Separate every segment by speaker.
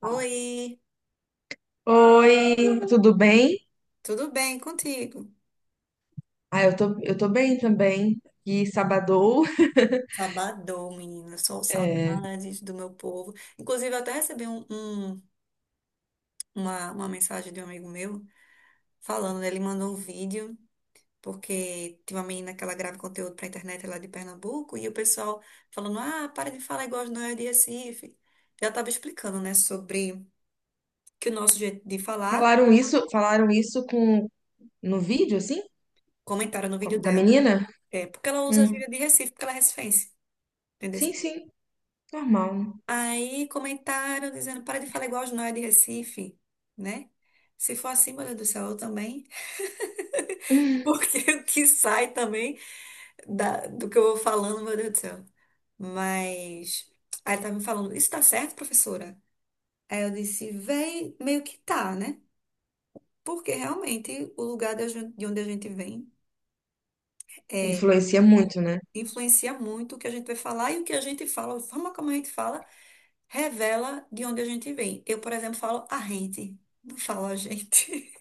Speaker 1: Oi,
Speaker 2: Oi, tudo bem?
Speaker 1: tudo bem contigo?
Speaker 2: Eu tô bem também. E sabadou.
Speaker 1: Sabadão, menina. Sou
Speaker 2: É,
Speaker 1: saudades do meu povo. Inclusive, eu até recebi uma mensagem de um amigo meu falando, né? Ele mandou um vídeo, porque tem uma menina que ela grava conteúdo pra internet lá de Pernambuco, e o pessoal falando: ah, para de falar igual as noias de Recife. Já tava explicando, né, sobre que o nosso jeito de falar,
Speaker 2: falaram isso com no vídeo, assim?
Speaker 1: comentaram no vídeo
Speaker 2: Da
Speaker 1: dela.
Speaker 2: menina?
Speaker 1: É porque ela usa a
Speaker 2: Hum.
Speaker 1: gíria de Recife, porque ela é recifense. Entendeu?
Speaker 2: Sim, sim, normal.
Speaker 1: Aí comentaram dizendo, para de falar igual os nóia de Recife, né? Se for assim, meu Deus do céu, eu também. Porque o que sai também do que eu vou falando, meu Deus do céu. Mas aí ela tava me falando, isso tá certo, professora? Aí eu disse, véi, meio que tá, né? Porque realmente o lugar de onde a gente vem é,
Speaker 2: Influencia muito, né?
Speaker 1: influencia muito o que a gente vai falar e o que a gente fala, a forma como a gente fala, revela de onde a gente vem. Eu, por exemplo, falo a gente, não falo a gente.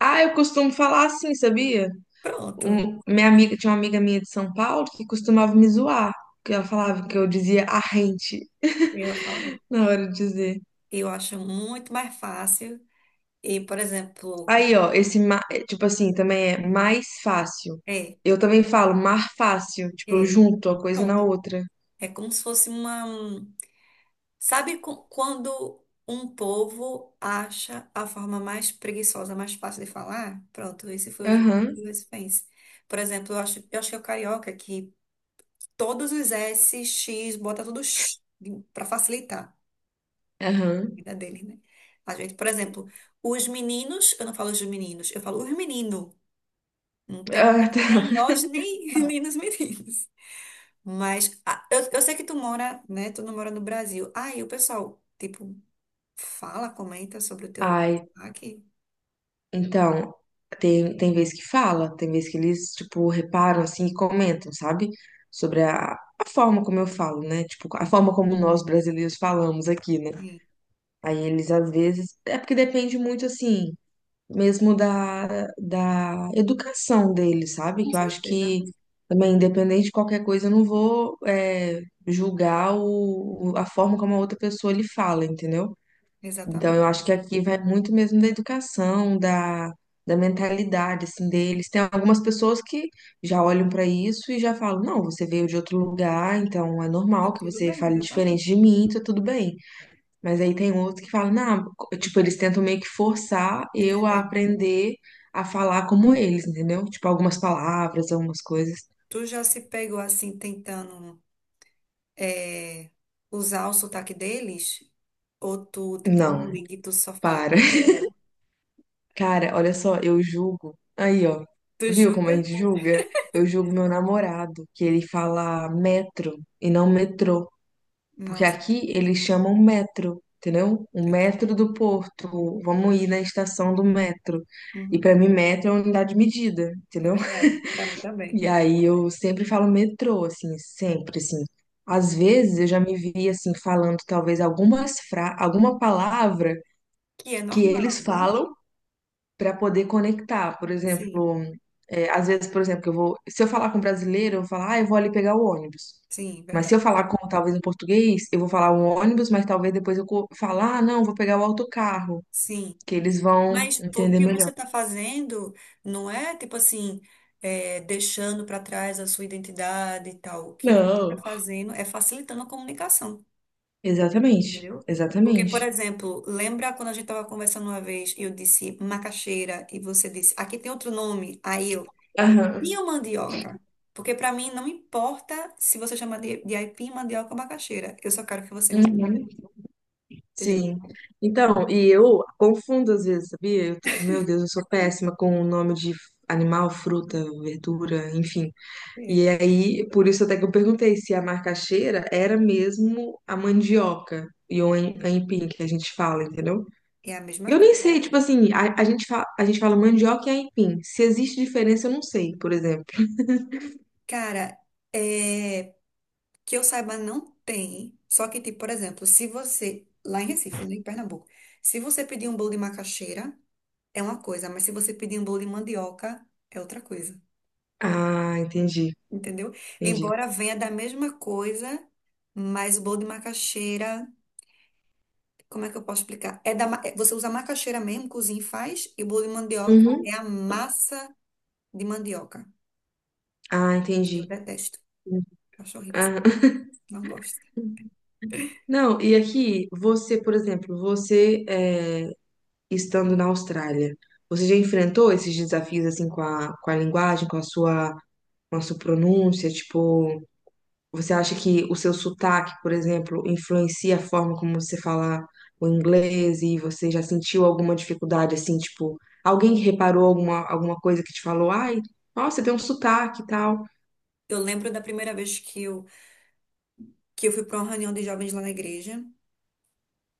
Speaker 2: Ah, eu costumo falar assim, sabia?
Speaker 1: Pronto,
Speaker 2: Tinha uma amiga minha de São Paulo que costumava me zoar, que ela falava que eu dizia a gente
Speaker 1: eu falo isso.
Speaker 2: na hora de dizer.
Speaker 1: Eu acho muito mais fácil. E, por exemplo,
Speaker 2: Aí, ó, esse, tipo assim, também é mais fácil.
Speaker 1: é,
Speaker 2: Eu também falo mar fácil, tipo, eu
Speaker 1: é,
Speaker 2: junto a coisa na
Speaker 1: pronto.
Speaker 2: outra.
Speaker 1: É como se fosse uma. Quando um povo acha a forma mais preguiçosa, mais fácil de falar? Pronto, esse foi o jeito
Speaker 2: Aham,
Speaker 1: que o Recife. Por exemplo, eu acho que é o carioca que todos os S, X, bota tudo para facilitar a
Speaker 2: aham.
Speaker 1: vida dele, né? A gente, por exemplo, os meninos, eu não falo os meninos, eu falo os meninos. Não tem
Speaker 2: Ah,
Speaker 1: ingresso
Speaker 2: tá.
Speaker 1: nem em hoje, nem, nem nos meninos. Mas ah, eu sei que tu mora, né? Tu não mora no Brasil. Aí o pessoal, tipo, fala, comenta sobre o teu
Speaker 2: Ai,
Speaker 1: aqui.
Speaker 2: então, tem vez que fala, tem vez que eles, tipo, reparam, assim, e comentam, sabe? Sobre a forma como eu falo, né? Tipo, a forma como nós brasileiros falamos aqui, né?
Speaker 1: Sim,
Speaker 2: Aí eles, às vezes, é porque depende muito, assim, mesmo da educação dele, sabe?
Speaker 1: com
Speaker 2: Que eu acho
Speaker 1: certeza.
Speaker 2: que também, independente de qualquer coisa, eu não vou julgar a forma como a outra pessoa lhe fala, entendeu? Então, eu
Speaker 1: Exatamente.
Speaker 2: acho que aqui vai muito mesmo da educação, da mentalidade, assim, deles. Tem algumas pessoas que já olham para isso e já falam: não, você veio de outro lugar, então é
Speaker 1: Tá
Speaker 2: normal que
Speaker 1: tudo
Speaker 2: você
Speaker 1: bem,
Speaker 2: fale
Speaker 1: exatamente.
Speaker 2: diferente de mim, tá tudo bem. Mas aí tem outros que falam: não, tipo, eles tentam meio que forçar
Speaker 1: Me
Speaker 2: eu a
Speaker 1: entendendo.
Speaker 2: aprender a falar como eles, entendeu? Tipo, algumas palavras, algumas coisas.
Speaker 1: Tu já se pegou assim, tentando eh, usar o sotaque deles? Ou tu, tipo, não
Speaker 2: Não,
Speaker 1: liga e tu só fala
Speaker 2: para.
Speaker 1: como tu fala?
Speaker 2: Cara, olha só, eu julgo. Aí, ó.
Speaker 1: Tu
Speaker 2: Viu como a
Speaker 1: julga?
Speaker 2: gente julga? Eu julgo meu namorado, que ele fala metro e não metrô. Porque
Speaker 1: Nossa,
Speaker 2: aqui eles chamam metro, entendeu? O
Speaker 1: tô entendendo.
Speaker 2: metro do Porto. Vamos ir na estação do metro. E
Speaker 1: Uhum,
Speaker 2: pra mim, metro é uma unidade de medida,
Speaker 1: é
Speaker 2: entendeu?
Speaker 1: verdade. Pra mim também.
Speaker 2: E aí eu sempre falo metrô, assim, sempre, assim.
Speaker 1: Hum.
Speaker 2: Às vezes eu já me vi, assim, falando talvez alguma palavra
Speaker 1: Que é
Speaker 2: que eles
Speaker 1: normal.
Speaker 2: falam para poder conectar. Por
Speaker 1: Sim,
Speaker 2: exemplo, é, às vezes, por exemplo, se eu falar com um brasileiro, eu vou falar: ah, eu vou ali pegar o ônibus.
Speaker 1: sim,
Speaker 2: Mas se
Speaker 1: verdade.
Speaker 2: eu falar com talvez um português, eu vou falar o ônibus, mas talvez depois falar: ah, não, vou pegar o autocarro,
Speaker 1: Sim.
Speaker 2: que eles vão
Speaker 1: Mas pô, o
Speaker 2: entender
Speaker 1: que você
Speaker 2: melhor.
Speaker 1: está fazendo não é, tipo assim, é, deixando para trás a sua identidade e tal. O que você está
Speaker 2: Não.
Speaker 1: fazendo é facilitando a comunicação,
Speaker 2: Exatamente,
Speaker 1: entendeu? Porque, por
Speaker 2: exatamente.
Speaker 1: exemplo, lembra quando a gente estava conversando uma vez e eu disse macaxeira e você disse, aqui tem outro nome, aí eu, aipim
Speaker 2: Aham.
Speaker 1: ou mandioca? Porque para mim não importa se você chama de aipim, mandioca ou macaxeira. Eu só quero que você me entenda,
Speaker 2: Uhum.
Speaker 1: entendeu?
Speaker 2: Sim. Então, e eu confundo às vezes, sabia? Meu Deus, eu sou péssima com o nome de animal, fruta, verdura, enfim.
Speaker 1: É,
Speaker 2: E aí, por isso até que eu perguntei se a macaxeira era mesmo a mandioca e o
Speaker 1: é,
Speaker 2: aipim que a gente fala, entendeu?
Speaker 1: é a mesma
Speaker 2: Eu nem
Speaker 1: coisa.
Speaker 2: sei, tipo assim, a gente fala, a gente fala mandioca e aipim. Se existe diferença, eu não sei, por exemplo.
Speaker 1: Cara, é, que eu saiba, não tem. Só que, tipo, por exemplo, se você, lá em Recife, né, em Pernambuco, se você pedir um bolo de macaxeira, é uma coisa, mas se você pedir um bolo de mandioca, é outra coisa,
Speaker 2: Ah, entendi,
Speaker 1: entendeu?
Speaker 2: entendi.
Speaker 1: Embora venha da mesma coisa, mas o bolo de macaxeira, como é que eu posso explicar? Você usa a macaxeira mesmo, cozinha e faz, e o bolo de mandioca
Speaker 2: Uhum.
Speaker 1: é a massa de mandioca.
Speaker 2: Ah,
Speaker 1: Eu
Speaker 2: entendi.
Speaker 1: detesto.
Speaker 2: Hum.
Speaker 1: Eu acho horrível,
Speaker 2: Ah.
Speaker 1: assim, não gosto.
Speaker 2: Não, e aqui, você, por exemplo, estando na Austrália? Você já enfrentou esses desafios assim com com a linguagem, com a com a sua pronúncia? Tipo, você acha que o seu sotaque, por exemplo, influencia a forma como você fala o inglês, e você já sentiu alguma dificuldade assim, tipo, alguém reparou alguma coisa, que te falou: ai, nossa, você tem um sotaque e tal.
Speaker 1: Eu lembro da primeira vez que eu fui para uma reunião de jovens lá na igreja.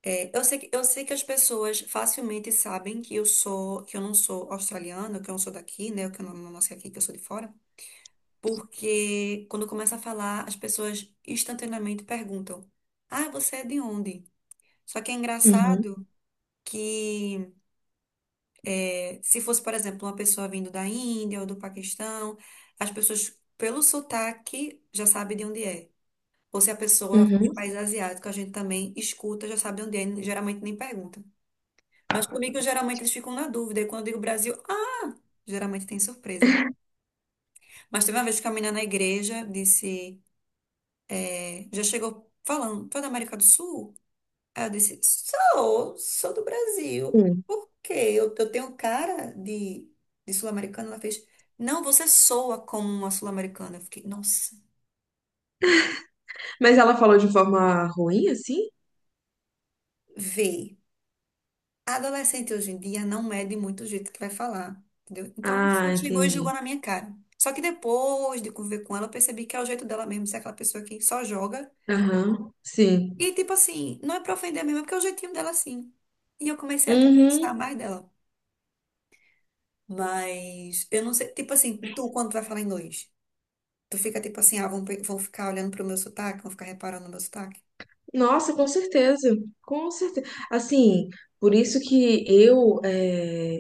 Speaker 1: É, eu sei que as pessoas facilmente sabem que eu sou, que eu não sou australiana, que eu não sou daqui, né? Que eu não, não nasci aqui, que eu sou de fora. Porque quando começa a falar, as pessoas instantaneamente perguntam: ah, você é de onde? Só que é
Speaker 2: Uhum,
Speaker 1: engraçado que é, se fosse, por exemplo, uma pessoa vindo da Índia ou do Paquistão, as pessoas, pelo sotaque, já sabem de onde é. Ou se a pessoa é de
Speaker 2: uhum.
Speaker 1: país asiático, a gente também escuta, já sabe onde é, geralmente nem pergunta. Mas comigo, geralmente, eles ficam na dúvida. E quando eu digo Brasil, ah, geralmente tem surpresa. Mas teve uma vez que a menina na igreja disse, é, já chegou falando, foi da América do Sul? Aí eu disse, sou, sou do Brasil.
Speaker 2: Hum.
Speaker 1: Por quê? Eu, tenho cara de sul-americana? Ela fez, não, você soa como uma sul-americana. Eu fiquei, nossa,
Speaker 2: Mas ela falou de forma ruim, assim?
Speaker 1: vê. A adolescente hoje em dia não mede muito o jeito que vai falar, entendeu? Então ela só
Speaker 2: Ah,
Speaker 1: chegou e jogou
Speaker 2: entendi.
Speaker 1: na minha cara. Só que depois de conviver com ela, eu percebi que é o jeito dela mesmo, ser aquela pessoa que só joga.
Speaker 2: Aham, sim.
Speaker 1: E tipo assim, não é pra ofender mesmo, é porque é o jeitinho dela assim. E eu comecei até a gostar
Speaker 2: Uhum.
Speaker 1: mais dela. Mas eu não sei, tipo assim, tu quando tu vai falar inglês, tu fica tipo assim, ah, vão ficar olhando pro meu sotaque, vão ficar reparando no meu sotaque.
Speaker 2: Nossa, com certeza, com certeza. Assim, por isso que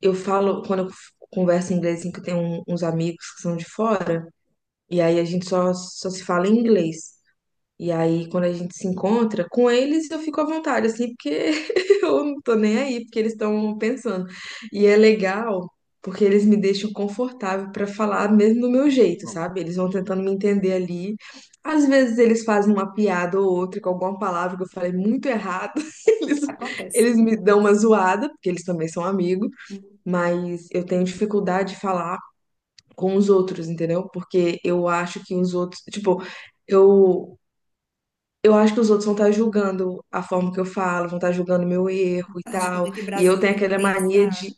Speaker 2: eu falo, quando eu converso em inglês, assim, que eu tenho uns amigos que são de fora, e aí a gente só se fala em inglês. E aí, quando a gente se encontra com eles, eu fico à vontade, assim, porque eu não tô nem aí, porque eles estão pensando. E é
Speaker 1: Sim.
Speaker 2: legal, porque eles me deixam confortável para falar mesmo do meu jeito,
Speaker 1: Bom,
Speaker 2: sabe? Eles vão
Speaker 1: uhum.
Speaker 2: tentando me entender ali. Às vezes eles fazem uma piada ou outra com alguma palavra que eu falei muito errado. Eles,
Speaker 1: Acontece.
Speaker 2: eles me dão uma zoada, porque eles também são amigos,
Speaker 1: Uhum.
Speaker 2: mas eu tenho dificuldade de falar com os outros, entendeu? Porque eu acho que os outros, tipo, eu eu acho que os outros vão estar julgando a forma que eu falo, vão estar julgando meu erro e
Speaker 1: A
Speaker 2: tal.
Speaker 1: gente
Speaker 2: E eu tenho
Speaker 1: brasileiro
Speaker 2: aquela mania de.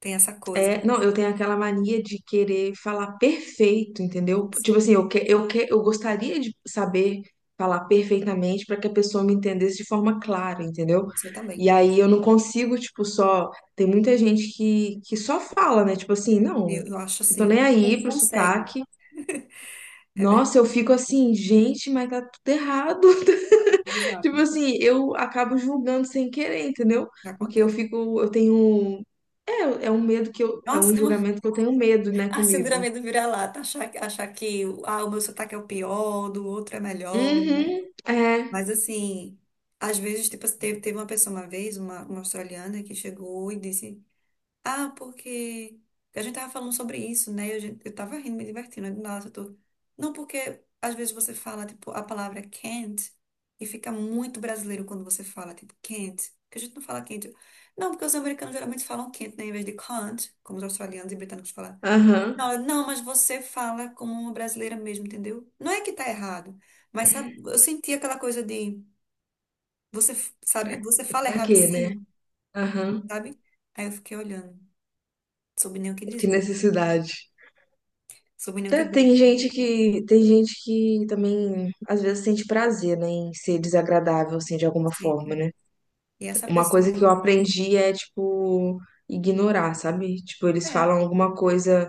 Speaker 1: tem essa coisa, né?
Speaker 2: É, não, eu tenho aquela mania de querer falar perfeito, entendeu?
Speaker 1: Nossa.
Speaker 2: Tipo assim, eu gostaria de saber falar perfeitamente para que a pessoa me entendesse de forma clara, entendeu?
Speaker 1: Nossa, eu também.
Speaker 2: E aí eu não consigo, tipo, só. Tem muita gente que só fala, né? Tipo assim, não,
Speaker 1: Eu acho
Speaker 2: não tô
Speaker 1: assim,
Speaker 2: nem
Speaker 1: como
Speaker 2: aí pro
Speaker 1: consegue?
Speaker 2: sotaque.
Speaker 1: É
Speaker 2: Nossa,
Speaker 1: verdade.
Speaker 2: eu fico assim, gente, mas tá tudo errado. Tipo
Speaker 1: Exato.
Speaker 2: assim, eu acabo julgando sem querer, entendeu? Porque eu
Speaker 1: Acontece.
Speaker 2: fico, eu tenho. É, é um medo que eu. É um
Speaker 1: Nossa, é uma,
Speaker 2: julgamento que eu tenho medo, né,
Speaker 1: a
Speaker 2: comigo.
Speaker 1: síndrome do vira-lata, achar, achar que ah, o meu sotaque é o pior, do outro é melhor, né?
Speaker 2: Uhum, é,
Speaker 1: Mas assim, às vezes, tipo, teve uma pessoa uma vez, uma australiana, que chegou e disse. Ah, porque a gente tava falando sobre isso, né? Eu, eu tava rindo, me divertindo. Aí do eu tô... Não, porque às vezes você fala, tipo, a palavra can't e fica muito brasileiro quando você fala, tipo, can't. Porque a gente não fala can't. Não, porque os americanos geralmente falam can't, né? Em vez de can't, como os australianos e britânicos falam.
Speaker 2: aham.
Speaker 1: Não, não, mas você fala como uma brasileira mesmo, entendeu? Não é que tá errado, mas sabe, eu senti aquela coisa de você, sabe,
Speaker 2: Pra,
Speaker 1: você fala
Speaker 2: pra
Speaker 1: errado
Speaker 2: quê, né?
Speaker 1: sim,
Speaker 2: Aham,
Speaker 1: sabe? Aí eu fiquei olhando, não soube nem o que
Speaker 2: que
Speaker 1: dizer.
Speaker 2: necessidade.
Speaker 1: Sobrenome que
Speaker 2: Tá.
Speaker 1: dura
Speaker 2: Tem gente tem gente que também, às vezes, sente prazer, né, em ser desagradável, assim, de alguma forma,
Speaker 1: sempre.
Speaker 2: né?
Speaker 1: E essa
Speaker 2: Uma coisa que eu
Speaker 1: pessoa,
Speaker 2: aprendi é, tipo, ignorar, sabe? Tipo, eles
Speaker 1: é,
Speaker 2: falam alguma coisa: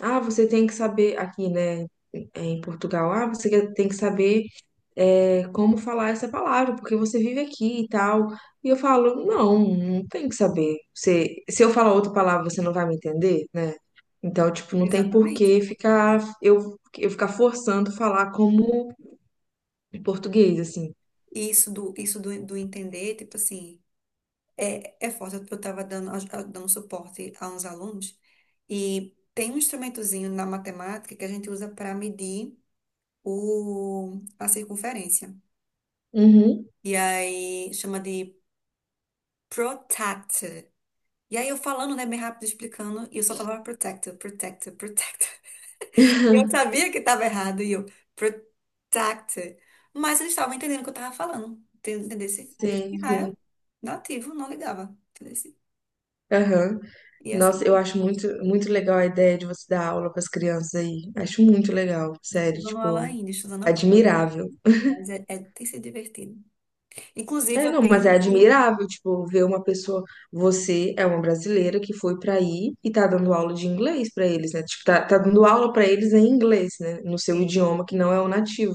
Speaker 2: ah, você tem que saber, aqui, né? É, em Portugal, ah, tem que saber é como falar essa palavra, porque você vive aqui e tal. E eu falo: não, não tem que saber. Você, se eu falar outra palavra, você não vai me entender, né? Então, tipo, não tem por
Speaker 1: exatamente.
Speaker 2: que ficar eu ficar forçando falar como português, assim.
Speaker 1: E isso do entender, tipo assim, é, é forte. Eu estava dando, dando suporte a uns alunos e tem um instrumentozinho na matemática que a gente usa para medir o, a circunferência.
Speaker 2: Uhum.
Speaker 1: E aí chama de protractor. E aí eu falando, né, bem rápido, explicando, e eu só falava protector, protector, protector. E eu sabia que estava errado, e eu, protected. Mas eles estavam entendendo o que eu estava falando. Entendesse? E o
Speaker 2: Sim, sim.
Speaker 1: nativo, não ligava. Entendesse?
Speaker 2: Aham.
Speaker 1: E
Speaker 2: Nossa, eu
Speaker 1: assim,
Speaker 2: acho muito, muito legal a ideia de você dar aula para as crianças aí. Acho muito legal,
Speaker 1: não estou
Speaker 2: sério,
Speaker 1: dando aula
Speaker 2: tipo,
Speaker 1: ainda, estou dando apoio.
Speaker 2: admirável.
Speaker 1: Mas é, tem sido divertido. Inclusive,
Speaker 2: É,
Speaker 1: eu
Speaker 2: não, mas é
Speaker 1: tenho que.
Speaker 2: admirável, tipo, ver uma pessoa. Você é uma brasileira que foi pra aí e tá dando aula de inglês pra eles, né? Tipo, tá dando aula pra eles em inglês, né? No seu
Speaker 1: É,
Speaker 2: idioma que não é o nativo.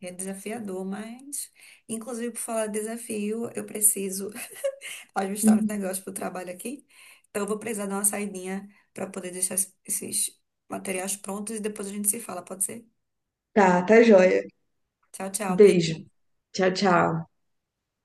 Speaker 1: é desafiador, mas. Inclusive, por falar de desafio, eu preciso ajustar os
Speaker 2: Uhum.
Speaker 1: negócios para o trabalho aqui. Então, eu vou precisar dar uma saidinha para poder deixar esses materiais prontos e depois a gente se fala, pode ser?
Speaker 2: Tá, tá joia.
Speaker 1: Tchau, tchau. Beijo.
Speaker 2: Beijo. Tchau, tchau.